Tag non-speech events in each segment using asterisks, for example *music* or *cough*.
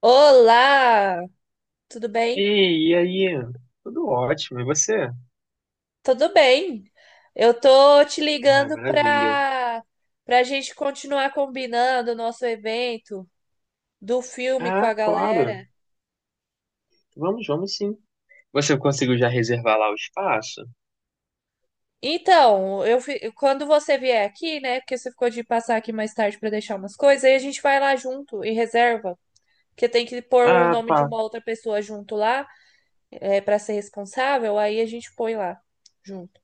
Olá, tudo bem? Ei, e aí? Tudo ótimo, e você? Tudo bem. Eu tô te Ah, ligando maravilha. para a gente continuar combinando o nosso evento do filme com a Ah, claro. galera. Vamos sim. Você conseguiu já reservar lá o espaço? Então, quando você vier aqui, né? Porque você ficou de passar aqui mais tarde para deixar umas coisas, aí a gente vai lá junto e reserva, porque tem que pôr o Ah, nome de tá. uma outra pessoa junto lá, é, para ser responsável. Aí a gente põe lá junto.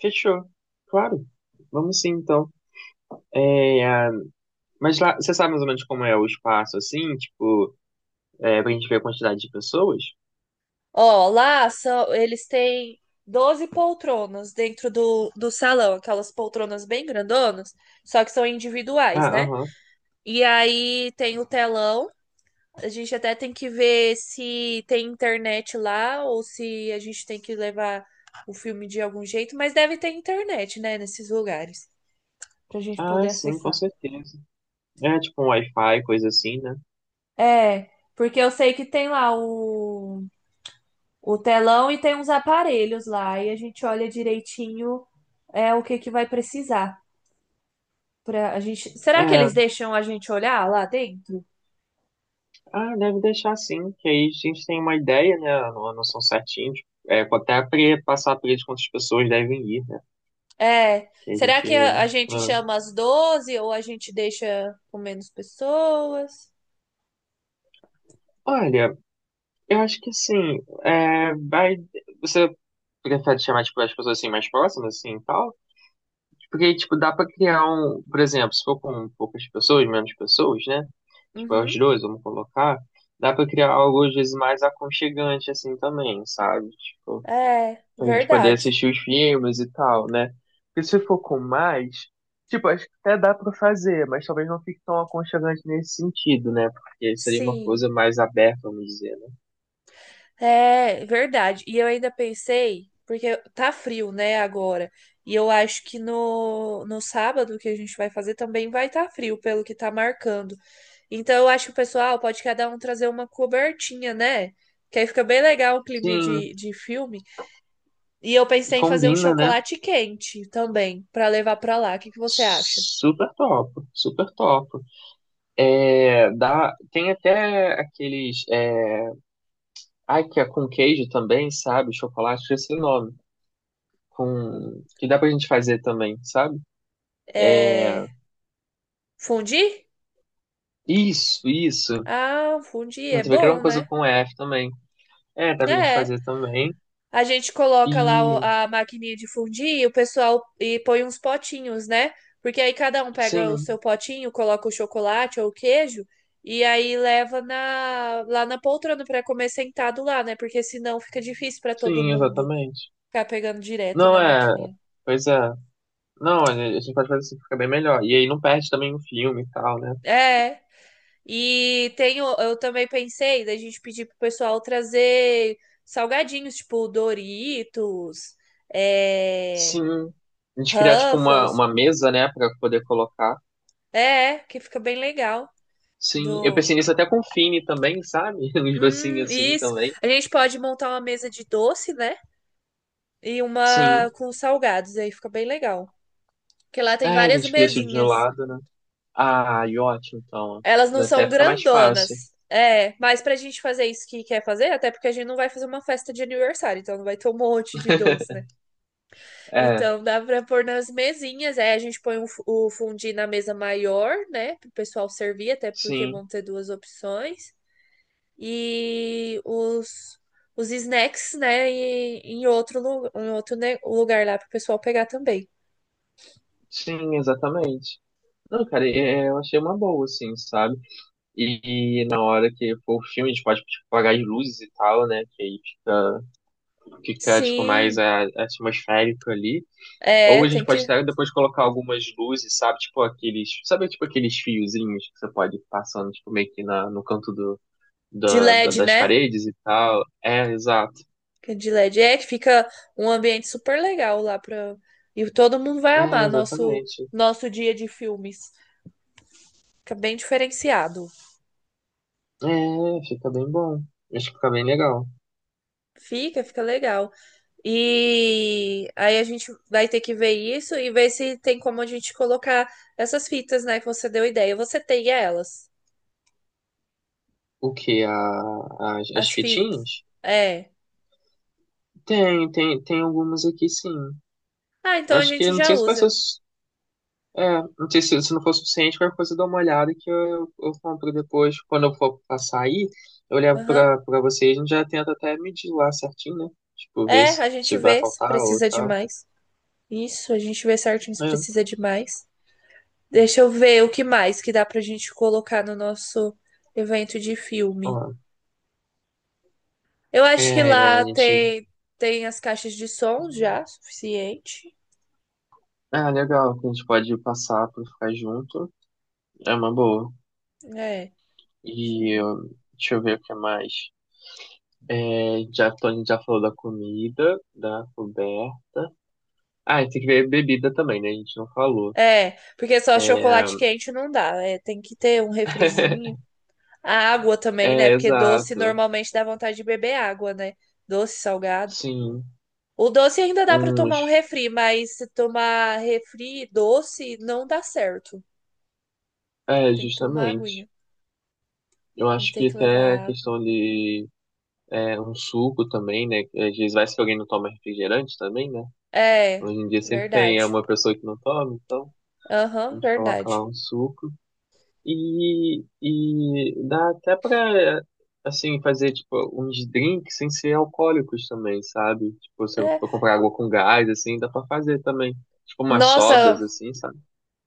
Fechou. Claro. Vamos sim, então. É, ah, mas lá, você sabe mais ou menos como é o espaço, assim? Tipo, pra gente ver a quantidade de pessoas? Ó, eles têm 12 poltronas dentro do salão, aquelas poltronas bem grandonas, só que são Ah, individuais, né? aham. E aí tem o telão, a gente até tem que ver se tem internet lá ou se a gente tem que levar o filme de algum jeito, mas deve ter internet, né, nesses lugares, pra gente Ah, poder sim, com acessar. certeza. É tipo um Wi-Fi, coisa assim, né? É, porque eu sei que tem lá o telão e tem uns aparelhos lá e a gente olha direitinho é o que que vai precisar para a gente. Será que É. eles deixam a gente olhar lá dentro? Ah, deve deixar sim, que aí a gente tem uma ideia, né? Uma noção certinha, de, até passar para eles quantas pessoas devem ir, né? É, Que a será gente. que a gente Ah. chama as 12 ou a gente deixa com menos pessoas? Olha, eu acho que assim, vai. Você prefere chamar tipo, as pessoas assim mais próximas, assim, e tal? Porque, tipo, dá para criar um, por exemplo, se for com poucas pessoas, menos pessoas, né? Tipo, é os Uhum. dois, vamos colocar, dá para criar algo às vezes mais aconchegante, assim, também, sabe? Tipo. É, Pra gente poder verdade. assistir os filmes e tal, né? Porque se for com mais, tipo, acho que até dá pra fazer, mas talvez não fique tão aconchegante nesse sentido, né? Porque seria uma Sim, coisa mais aberta, vamos dizer, né? é verdade. E eu ainda pensei, porque tá frio, né, agora. E eu acho que no sábado que a gente vai fazer também vai estar frio, pelo que tá marcando. Então eu acho que o pessoal pode cada um trazer uma cobertinha, né? Que aí fica bem legal o clima Sim, de filme. E eu e pensei em fazer um combina, né? chocolate quente também, pra levar pra lá. O que que você acha? Super top, super top. É, dá, tem até aqueles. É, ai, que é com queijo também, sabe? Chocolate, esse nome. Com- Com, que dá pra gente fazer também, sabe? É. Fundi? Isso, isso. Ah, fundi A é gente vai criar uma bom, coisa né? com F também. É, dá pra gente É. fazer também. A gente coloca lá E a maquininha de fundir e o pessoal e põe uns potinhos, né? Porque aí cada um pega o sim, seu potinho, coloca o chocolate ou o queijo e aí leva lá na poltrona para comer sentado lá, né? Porque senão fica difícil para todo sim, mundo exatamente. ficar pegando direto Não na é. maquininha. Pois é. Não, olha, a gente pode fazer assim, fica bem melhor. E aí não perde também o filme e tal, né? É. E tem, eu também pensei da gente pedir pro pessoal trazer salgadinhos, tipo Doritos, é, Sim. A gente criar, tipo, uma, Ruffles. uma mesa, né, pra poder colocar. É, que fica bem legal. Sim. Eu pensei Do. nisso até com o Fini também, sabe? *laughs* Uns docinhos assim Isso. também. A gente pode montar uma mesa de doce, né? E Sim. uma com salgados, aí fica bem legal. Porque lá tem É, a várias gente cria isso de um mesinhas. lado, né? Ah, e ótimo, então. Elas não Já são até fica mais fácil. grandonas. É, mas pra gente fazer isso que quer fazer, até porque a gente não vai fazer uma festa de aniversário, então não vai ter um monte de doce, *laughs* né? É, Então dá pra pôr nas mesinhas, aí a gente põe o fondue na mesa maior, né? Pro pessoal servir, até porque sim. vão ter duas opções. E os snacks, né, e- em outro, lu- em outro ne- lugar lá para o pessoal pegar também. Sim, exatamente. Não, cara, eu achei uma boa, assim, sabe? E na hora que for o filme, a gente pode tipo, apagar as luzes e tal, né? Que aí fica, fica tipo, mais Sim, atmosférico ali. Ou é, a gente tem pode que. até depois colocar algumas luzes, sabe? Tipo aqueles. Sabe, tipo aqueles fiozinhos que você pode ir passando, tipo, meio que na, no canto do, De LED, das né? paredes e tal. É, exato. Que é de LED. É que fica um ambiente super legal lá pra. E todo mundo vai É, amar nosso, exatamente. nosso dia de filmes. Fica bem diferenciado. É, fica bem bom. Acho que fica bem legal. Fica legal. E aí a gente vai ter que ver isso e ver se tem como a gente colocar essas fitas, né, que você deu ideia. Você tem elas. O que as As fitas. fitinhas? É. Tem, tem, tem algumas aqui sim. Ah, então a Acho que gente não já sei se vai ser usa. É, não sei se, se não for suficiente, qualquer coisa eu dou uma olhada que eu compro depois. Quando eu for passar aí eu levo Aham. pra, pra vocês, a gente já tenta até medir lá certinho, né? Tipo, ver É, se, a gente se vai vê se faltar ou precisa de tal. mais. Isso, a gente vê certinho se É, precisa de mais. Deixa eu ver o que mais que dá pra gente colocar no nosso evento de filme. ó, Eu acho que é, a lá gente. tem as caixas de som já, suficiente. Ah, legal, que a gente pode passar pra ficar junto. É uma boa. É, deixa eu E ver. ó, deixa eu ver o que mais. A gente já falou da comida, da coberta. Ah, e tem que ver bebida também, né? A gente não falou. É, porque só chocolate quente não dá. É, tem que ter um refrizinho. *laughs* A água também, né? É, Porque doce exato. normalmente dá vontade de beber água, né? Doce, salgado. Sim, O doce ainda dá para tomar um uns. refri, mas se tomar refri doce não dá certo. É, Tem que tomar justamente. aguinha. Eu A gente acho tem que que levar até a água. questão de É, um suco também, né? Às vezes vai que alguém não toma refrigerante também, né? É, Hoje em dia sempre tem verdade. uma pessoa que não toma, então a Aham, gente coloca verdade. lá um suco. E dá até pra, assim, fazer, tipo, uns drinks sem ser alcoólicos também, sabe? Tipo, se eu É. for comprar água com gás, assim, dá pra fazer também. Tipo, umas sodas, Nossa, assim, sabe?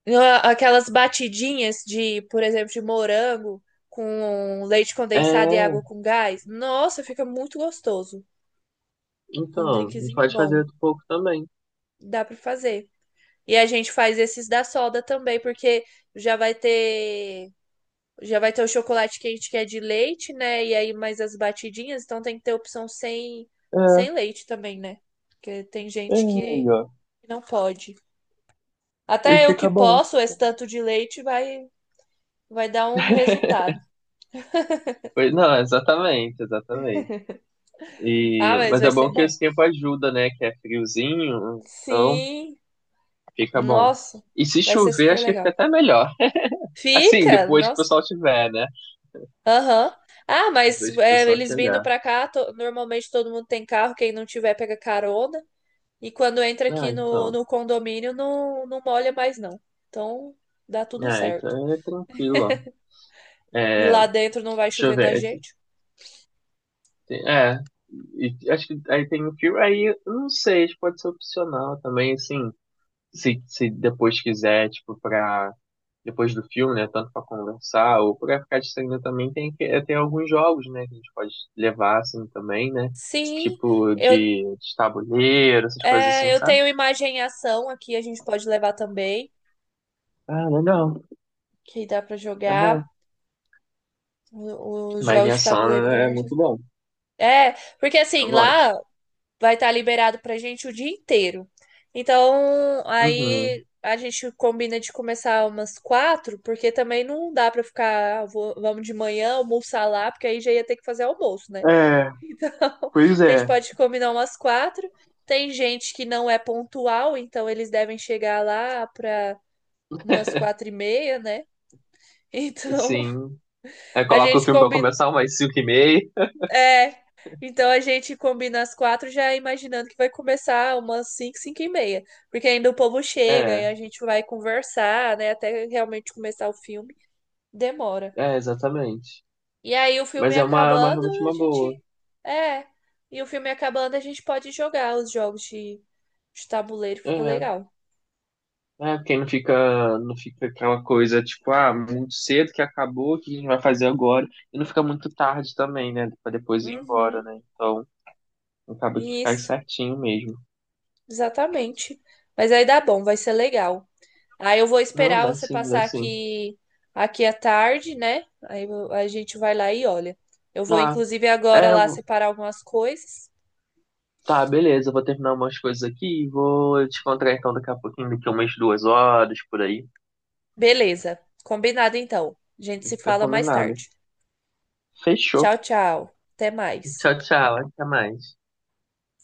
aquelas batidinhas de, por exemplo, de morango com leite condensado e água É, com gás. Nossa, fica muito gostoso. Com um então, a gente drinkzinho pode fazer bom. um pouco também. Dá para fazer. E a gente faz esses da soda também, porque já vai ter Já vai ter o chocolate quente que é de leite, né? E aí mais as batidinhas, então tem que ter opção sem, É, sem leite também, né? Porque tem é gente que aí, ó. não pode. E Até eu que fica bom. posso, esse tanto de leite vai dar um resultado. Não, exatamente, exatamente. Ah, E, mas mas vai é ser bom que bom. esse tempo ajuda, né? Que é friozinho, então Sim, fica bom. nossa, E se vai ser chover, super acho que fica legal. até melhor. *laughs* Assim, Fica, depois que o nossa, pessoal tiver, né? aham. Ah, mas Depois que o é, pessoal eles vindo chegar. pra cá, normalmente todo mundo tem carro, quem não tiver pega carona. E quando entra Ah, aqui no, então. no condomínio, não, não molha mais, não. Então, dá tudo É, certo. então é tranquilo, ó. E É, lá dentro não vai deixa eu chover na ver. gente? É, e acho que aí tem um filme. Aí, eu não sei, acho que pode ser opcional também, assim. Se depois quiser, tipo, pra. Depois do filme, né? Tanto para conversar ou para ficar distraindo também, tem alguns jogos, né? Que a gente pode levar, assim, também, né? Sim, Tipo eu, de tabuleiro, essas coisas assim, eu sabe? tenho imagem em ação aqui, a gente pode levar também, Ah, legal. que dá pra É jogar bom. Os jogos de Imaginação tabuleiro da é onde. muito bom. É, porque Eu assim, lá gosto. vai estar liberado pra gente o dia inteiro. Então, Uhum. aí a gente combina de começar umas quatro, porque também não dá pra ficar, "Ah, vamos de manhã almoçar lá", porque aí já ia ter que fazer almoço, né? *laughs* É, Então, pois a gente é. pode combinar umas quatro. Tem gente que não é pontual, então eles devem chegar lá pra umas 4h30, né? *laughs* Então, Sim. Aí a coloca o gente filme pra combina. começar umas 5:30. É. Então a gente combina as quatro já imaginando que vai começar umas cinco, 5h30. Porque ainda o povo chega e É, a gente vai conversar, né? Até realmente começar o filme. Demora. Exatamente. E aí o filme Mas é uma acabando, realmente a uma gente. boa. É. E o filme acabando, a gente pode jogar os jogos de tabuleiro, fica É. legal. É, porque não fica, não fica aquela coisa, tipo, ah, muito cedo que acabou, o que a gente vai fazer agora? E não fica muito tarde também, né? Pra depois ir embora, Uhum. né? Então, acaba que cai Isso, certinho mesmo. exatamente. Mas aí dá bom, vai ser legal. Aí eu vou Não, esperar vai você sim, vai passar sim. aqui à tarde, né? Aí a gente vai lá e olha. Eu vou, Tá, inclusive, agora é, eu lá vou- separar algumas coisas. tá, beleza, eu vou terminar umas coisas aqui e vou te encontrar então daqui a pouquinho, daqui a umas 2 horas, por aí. Beleza, combinado então. A gente se Fica fala mais combinado. tarde. Fechou. Tchau, tchau. Até mais. Tchau, tchau, até mais.